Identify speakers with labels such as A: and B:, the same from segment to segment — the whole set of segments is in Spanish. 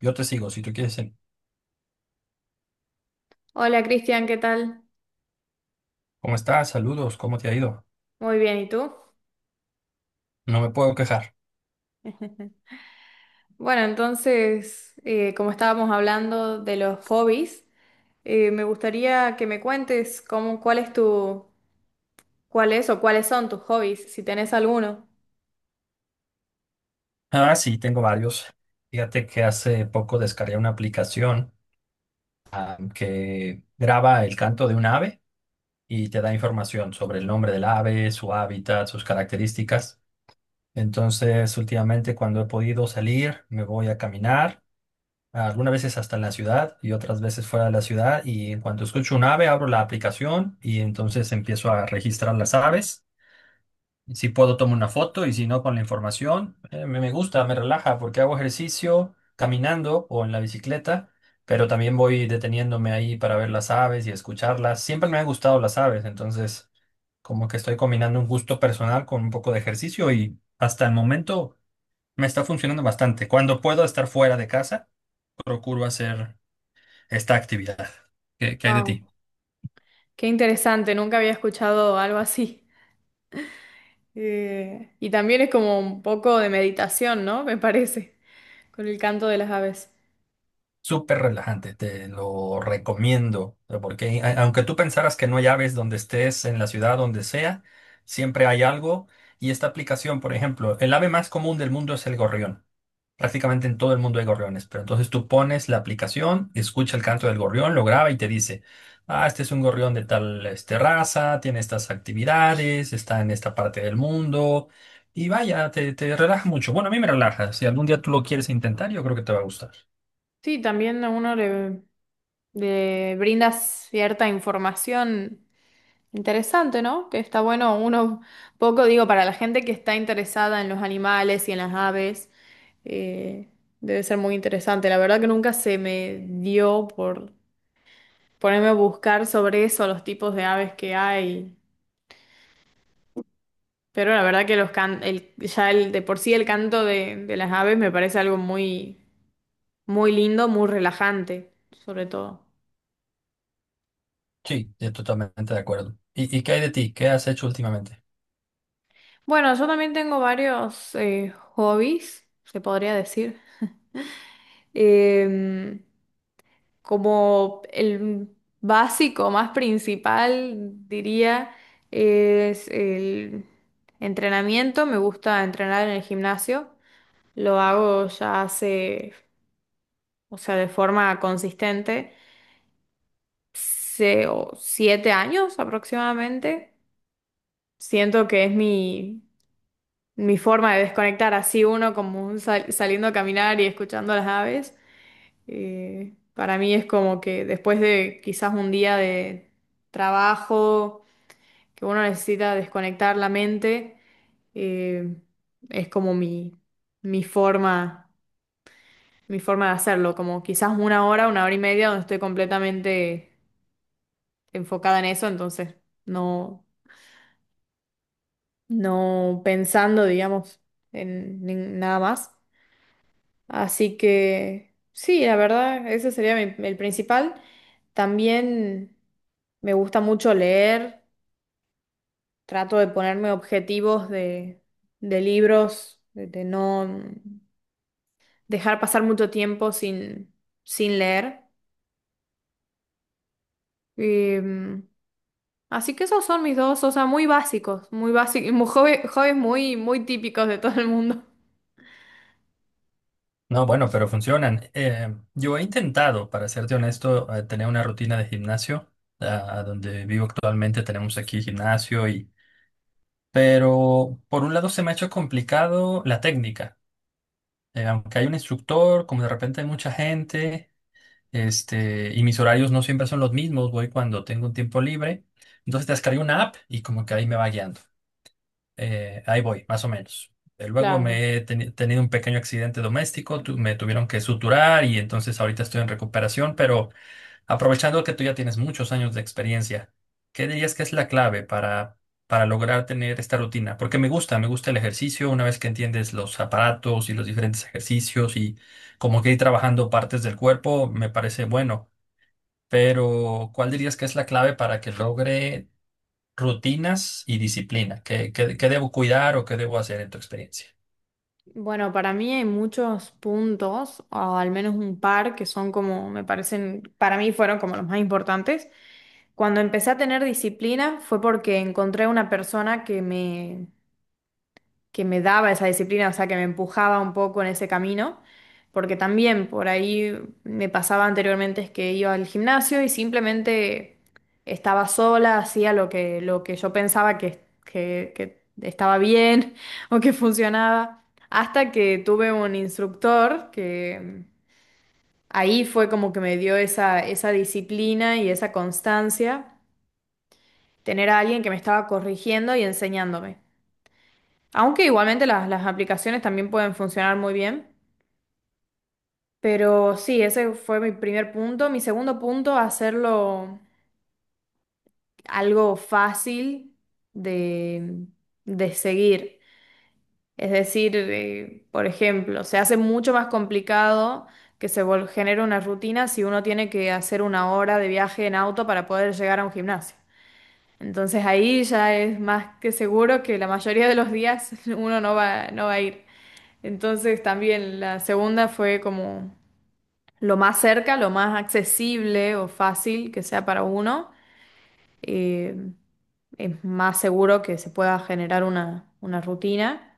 A: Yo te sigo si tú quieres seguir.
B: Hola Cristian, ¿qué tal?
A: ¿Cómo estás? Saludos, ¿cómo te ha ido?
B: Muy bien, ¿y tú?
A: No me puedo quejar.
B: Bueno, entonces, como estábamos hablando de los hobbies, me gustaría que me cuentes cuál es cuál es o cuáles son tus hobbies, si tenés alguno.
A: Ah, sí, tengo varios. Fíjate que hace poco descargué una aplicación que graba el canto de un ave y te da información sobre el nombre del ave, su hábitat, sus características. Entonces, últimamente cuando he podido salir, me voy a caminar, algunas veces hasta en la ciudad y otras veces fuera de la ciudad. Y en cuanto escucho un ave, abro la aplicación y entonces empiezo a registrar las aves. Si puedo tomo una foto y si no con la información, me gusta, me relaja porque hago ejercicio caminando o en la bicicleta, pero también voy deteniéndome ahí para ver las aves y escucharlas. Siempre me han gustado las aves, entonces como que estoy combinando un gusto personal con un poco de ejercicio y hasta el momento me está funcionando bastante. Cuando puedo estar fuera de casa, procuro hacer esta actividad. ¿Qué hay de
B: Wow.
A: ti?
B: Qué interesante, nunca había escuchado algo así. Y también es como un poco de meditación, ¿no? Me parece, con el canto de las aves.
A: Súper relajante, te lo recomiendo, porque aunque tú pensaras que no hay aves donde estés, en la ciudad, donde sea, siempre hay algo. Y esta aplicación, por ejemplo, el ave más común del mundo es el gorrión. Prácticamente en todo el mundo hay gorriones, pero entonces tú pones la aplicación, escucha el canto del gorrión, lo graba y te dice, este es un gorrión de tal raza, tiene estas actividades, está en esta parte del mundo. Y vaya, te relaja mucho. Bueno, a mí me relaja. Si algún día tú lo quieres intentar, yo creo que te va a gustar.
B: Sí, también a le brinda cierta información interesante, ¿no? Que está bueno uno poco, digo, para la gente que está interesada en los animales y en las aves, eh, debe ser muy interesante. La verdad que nunca se me dio por ponerme a buscar sobre eso, los tipos de aves que hay. Pero la verdad que los can el, ya el, de por sí el canto de las aves me parece algo muy, muy lindo, muy relajante, sobre todo.
A: Sí, estoy totalmente de acuerdo. ¿Y qué hay de ti? ¿Qué has hecho últimamente?
B: Bueno, yo también tengo varios hobbies, se podría decir. Em, Como el básico, más principal, diría, es el entrenamiento. Me gusta entrenar en el gimnasio. Lo hago ya o sea, de forma consistente, o siete años aproximadamente. Siento que es mi forma de desconectar, así uno como un saliendo a caminar y escuchando las aves. Para mí es como que después de quizás un día de trabajo, que uno necesita desconectar la mente, eh, es como mi mi forma de hacerlo, como quizás una hora y media donde estoy completamente enfocada en eso, entonces no, no pensando, digamos, en nada más. Así que sí, la verdad, ese sería el principal. También me gusta mucho leer, trato de ponerme objetivos de libros, de no dejar pasar mucho tiempo sin leer. Em, Así que esos son mis dos, o sea, muy básicos, hobbies muy, muy típicos de todo el mundo.
A: No, bueno, pero funcionan. Yo he intentado, para serte honesto, tener una rutina de gimnasio. Donde vivo actualmente tenemos aquí gimnasio y... Pero por un lado se me ha hecho complicado la técnica. Aunque hay un instructor, como de repente hay mucha gente, y mis horarios no siempre son los mismos, voy cuando tengo un tiempo libre. Entonces descargué una app y como que ahí me va guiando. Ahí voy, más o menos. Luego
B: Claro.
A: me he tenido un pequeño accidente doméstico, me tuvieron que suturar y entonces ahorita estoy en recuperación, pero aprovechando que tú ya tienes muchos años de experiencia, ¿qué dirías que es la clave para lograr tener esta rutina? Porque me gusta el ejercicio, una vez que entiendes los aparatos y los diferentes ejercicios y como que ir trabajando partes del cuerpo, me parece bueno, pero ¿cuál dirías que es la clave para que logre rutinas y disciplina? ¿Qué debo cuidar o qué debo hacer en tu experiencia?
B: Bueno, para mí hay muchos puntos, o al menos un par, que son como, me parecen, para mí fueron como los más importantes. Cuando empecé a tener disciplina fue porque encontré una persona que que me daba esa disciplina, o sea, que me empujaba un poco en ese camino, porque también por ahí me pasaba anteriormente es que iba al gimnasio y simplemente estaba sola, hacía lo lo que yo pensaba que estaba bien o que funcionaba, hasta que tuve un instructor que ahí fue como que me dio esa disciplina y esa constancia, tener a alguien que me estaba corrigiendo y enseñándome. Aunque igualmente las aplicaciones también pueden funcionar muy bien. Pero sí, ese fue mi primer punto. Mi segundo punto, hacerlo algo fácil de, de seguir. Es decir, por ejemplo, se hace mucho más complicado que se genere una rutina si uno tiene que hacer una hora de viaje en auto para poder llegar a un gimnasio. Entonces ahí ya es más que seguro que la mayoría de los días uno no no va a ir. Entonces también la segunda fue como lo más cerca, lo más accesible o fácil que sea para uno. eh, es más seguro que se pueda generar una rutina.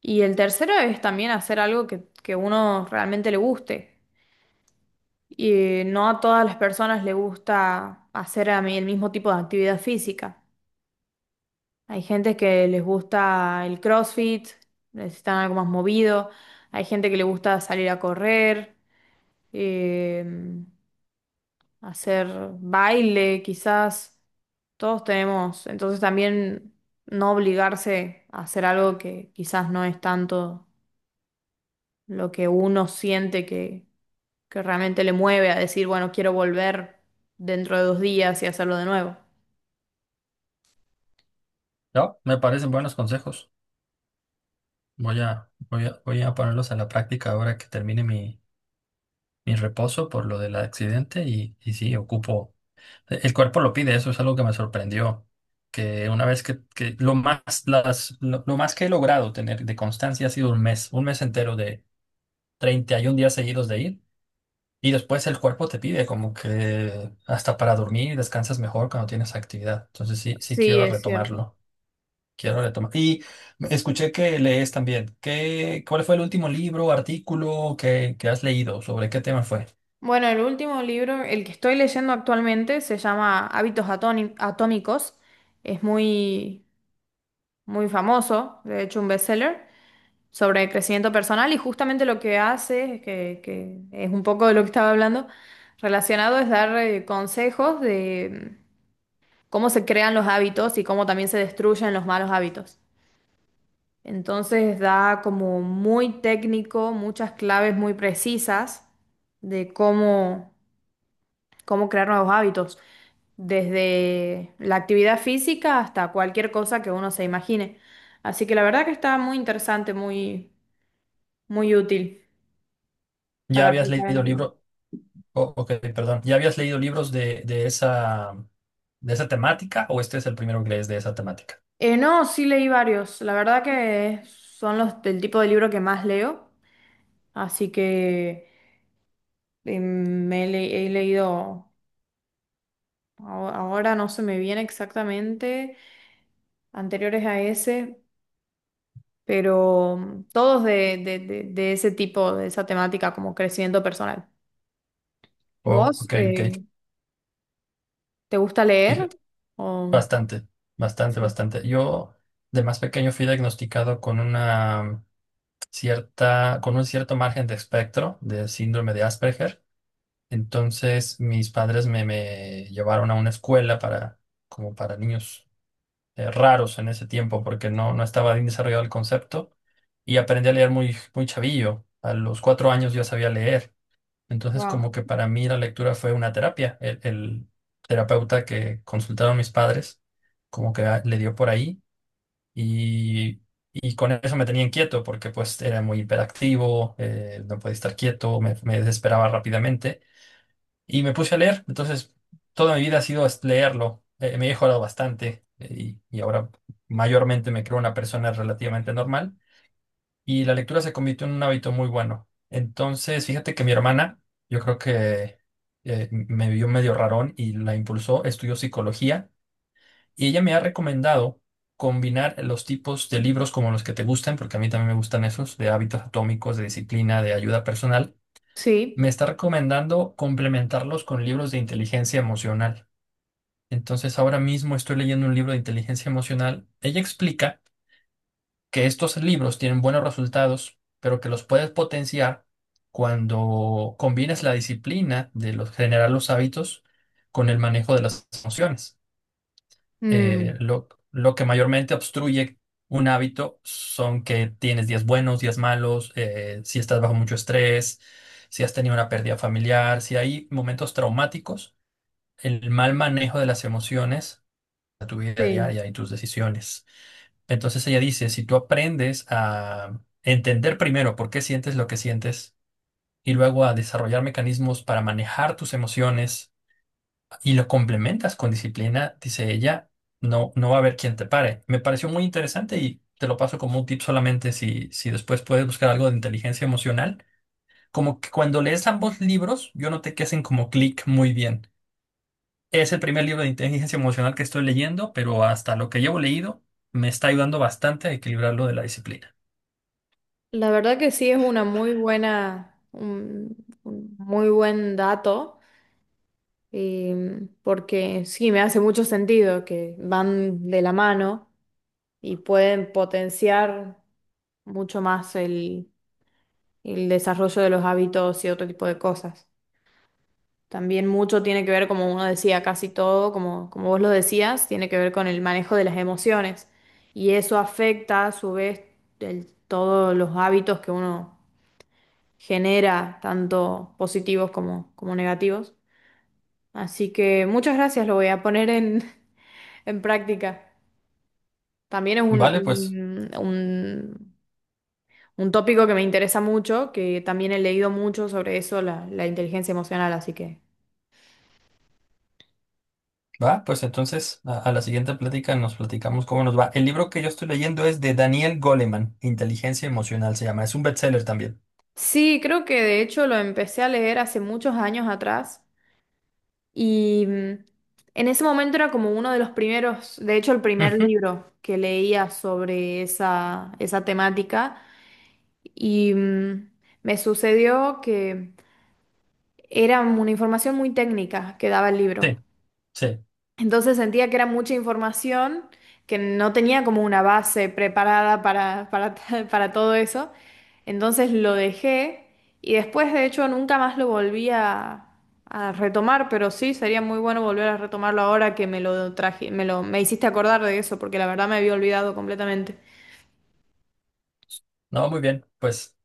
B: Y el tercero es también hacer algo que uno realmente le guste. Y no a todas las personas les gusta hacer a mí el mismo tipo de actividad física. Hay gente que les gusta el CrossFit, necesitan algo más movido. Hay gente que le gusta salir a correr. em, Hacer baile, quizás. Todos tenemos, entonces también no obligarse a hacer algo que quizás no es tanto lo que uno siente que realmente le mueve a decir, bueno, quiero volver dentro de dos días y hacerlo de nuevo.
A: No, me parecen buenos consejos. Voy a ponerlos a la práctica ahora que termine mi reposo por lo del accidente y sí, ocupo. El cuerpo lo pide, eso es algo que me sorprendió. Que una vez que, que lo más que he logrado tener de constancia ha sido un mes entero de 31 días seguidos de ir. Y después el cuerpo te pide como que hasta para dormir descansas mejor cuando tienes actividad. Entonces sí, sí
B: Sí,
A: quiero
B: es cierto.
A: retomarlo. Quiero retomar. Y escuché que lees también. ¿Cuál fue el último libro, artículo que has leído? ¿Sobre qué tema fue?
B: Bueno, el último libro, el que estoy leyendo actualmente, se llama Hábitos Atómicos. Es muy, muy famoso, de hecho, un bestseller, sobre crecimiento personal y justamente lo que hace, es que es un poco de lo que estaba hablando, relacionado es dar consejos de cómo se crean los hábitos y cómo también se destruyen los malos hábitos. Entonces da como muy técnico, muchas claves muy precisas de cómo crear nuevos hábitos, desde la actividad física hasta cualquier cosa que uno se imagine. Así que la verdad que está muy interesante, muy, muy útil
A: ¿Ya
B: para
A: habías
B: aplicar en la
A: leído
B: vida.
A: libro? Oh, ok, perdón. ¿Ya habías leído libros de esa temática? ¿O este es el primero que lees de esa temática?
B: No, sí leí varios. La verdad que son los del tipo de libro que más leo. Así que he leído, ahora no se me viene exactamente, anteriores a ese, pero todos de ese tipo, de esa temática como crecimiento personal. ¿Y
A: Oh,
B: vos?
A: ok, ok.
B: ¿Te gusta leer?
A: Fíjate,
B: O-
A: bastante, bastante,
B: Sí.
A: bastante. Yo de más pequeño fui diagnosticado con una cierta, con un cierto margen de espectro de síndrome de Asperger. Entonces mis padres me llevaron a una escuela para, como para niños raros en ese tiempo, porque no, no estaba bien desarrollado el concepto y aprendí a leer muy, muy chavillo. A los 4 años yo sabía leer. Entonces
B: Wow.
A: como que para mí la lectura fue una terapia. El terapeuta que consultaron mis padres como que le dio por ahí y, y con eso me tenía inquieto porque pues era muy hiperactivo, no podía estar quieto, me desesperaba rápidamente y me puse a leer. Entonces, toda mi vida ha sido leerlo. Me he mejorado bastante, y ahora mayormente me creo una persona relativamente normal y la lectura se convirtió en un hábito muy bueno. Entonces, fíjate que mi hermana, yo creo que me vio medio rarón y la impulsó, estudió psicología y ella me ha recomendado combinar los tipos de libros como los que te gustan, porque a mí también me gustan esos, de hábitos atómicos, de disciplina, de ayuda personal.
B: Sí.
A: Me está recomendando complementarlos con libros de inteligencia emocional. Entonces, ahora mismo estoy leyendo un libro de inteligencia emocional. Ella explica que estos libros tienen buenos resultados, pero que los puedes potenciar cuando combinas la disciplina de los, generar los hábitos con el manejo de las emociones. eh,
B: Mm,
A: lo, lo que mayormente obstruye un hábito son que tienes días buenos, días malos, si estás bajo mucho estrés, si has tenido una pérdida familiar, si hay momentos traumáticos, el mal manejo de las emociones a tu vida
B: sí.
A: diaria y tus decisiones. Entonces ella dice, si tú aprendes a entender primero por qué sientes lo que sientes y luego a desarrollar mecanismos para manejar tus emociones, y lo complementas con disciplina, dice ella, no, no va a haber quien te pare. Me pareció muy interesante y te lo paso como un tip solamente si, después puedes buscar algo de inteligencia emocional. Como que cuando lees ambos libros, yo noté que hacen como clic muy bien. Es el primer libro de inteligencia emocional que estoy leyendo, pero hasta lo que llevo leído me está ayudando bastante a equilibrarlo de la disciplina.
B: La verdad que sí es una muy buena, un muy buen dato, porque sí, me hace mucho sentido que van de la mano y pueden potenciar mucho más el desarrollo de los hábitos y otro tipo de cosas. También mucho tiene que ver, como uno decía, casi todo, como vos lo decías, tiene que ver con el manejo de las emociones y eso afecta a su vez todos los hábitos que uno genera tanto positivos como, como negativos. Así que muchas gracias, lo voy a poner en, en práctica. También es
A: Vale, pues.
B: un tópico que me interesa mucho, que también he leído mucho sobre eso, la inteligencia emocional, así que...
A: Va, pues entonces a, la siguiente plática nos platicamos cómo nos va. El libro que yo estoy leyendo es de Daniel Goleman, Inteligencia Emocional se llama. Es un bestseller también.
B: Sí, creo que de hecho lo empecé a leer hace muchos años atrás y en ese momento era como uno de los primeros, de hecho el primer
A: Ujú,
B: libro que leía sobre esa temática. Y me sucedió que era una información muy técnica que daba el libro.
A: sí, sí.
B: Entonces sentía que era mucha información, que no tenía como una base preparada para todo eso. Entonces lo dejé y después, de hecho, nunca más lo volví a retomar, pero sí, sería muy bueno volver a retomarlo ahora que me lo traje, me me hiciste acordar de eso, porque la verdad me había olvidado completamente.
A: No, muy bien. Pues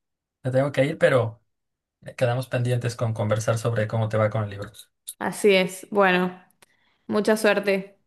A: me tengo que ir, pero quedamos pendientes con conversar sobre cómo te va con el libro.
B: Así es. Bueno, mucha suerte.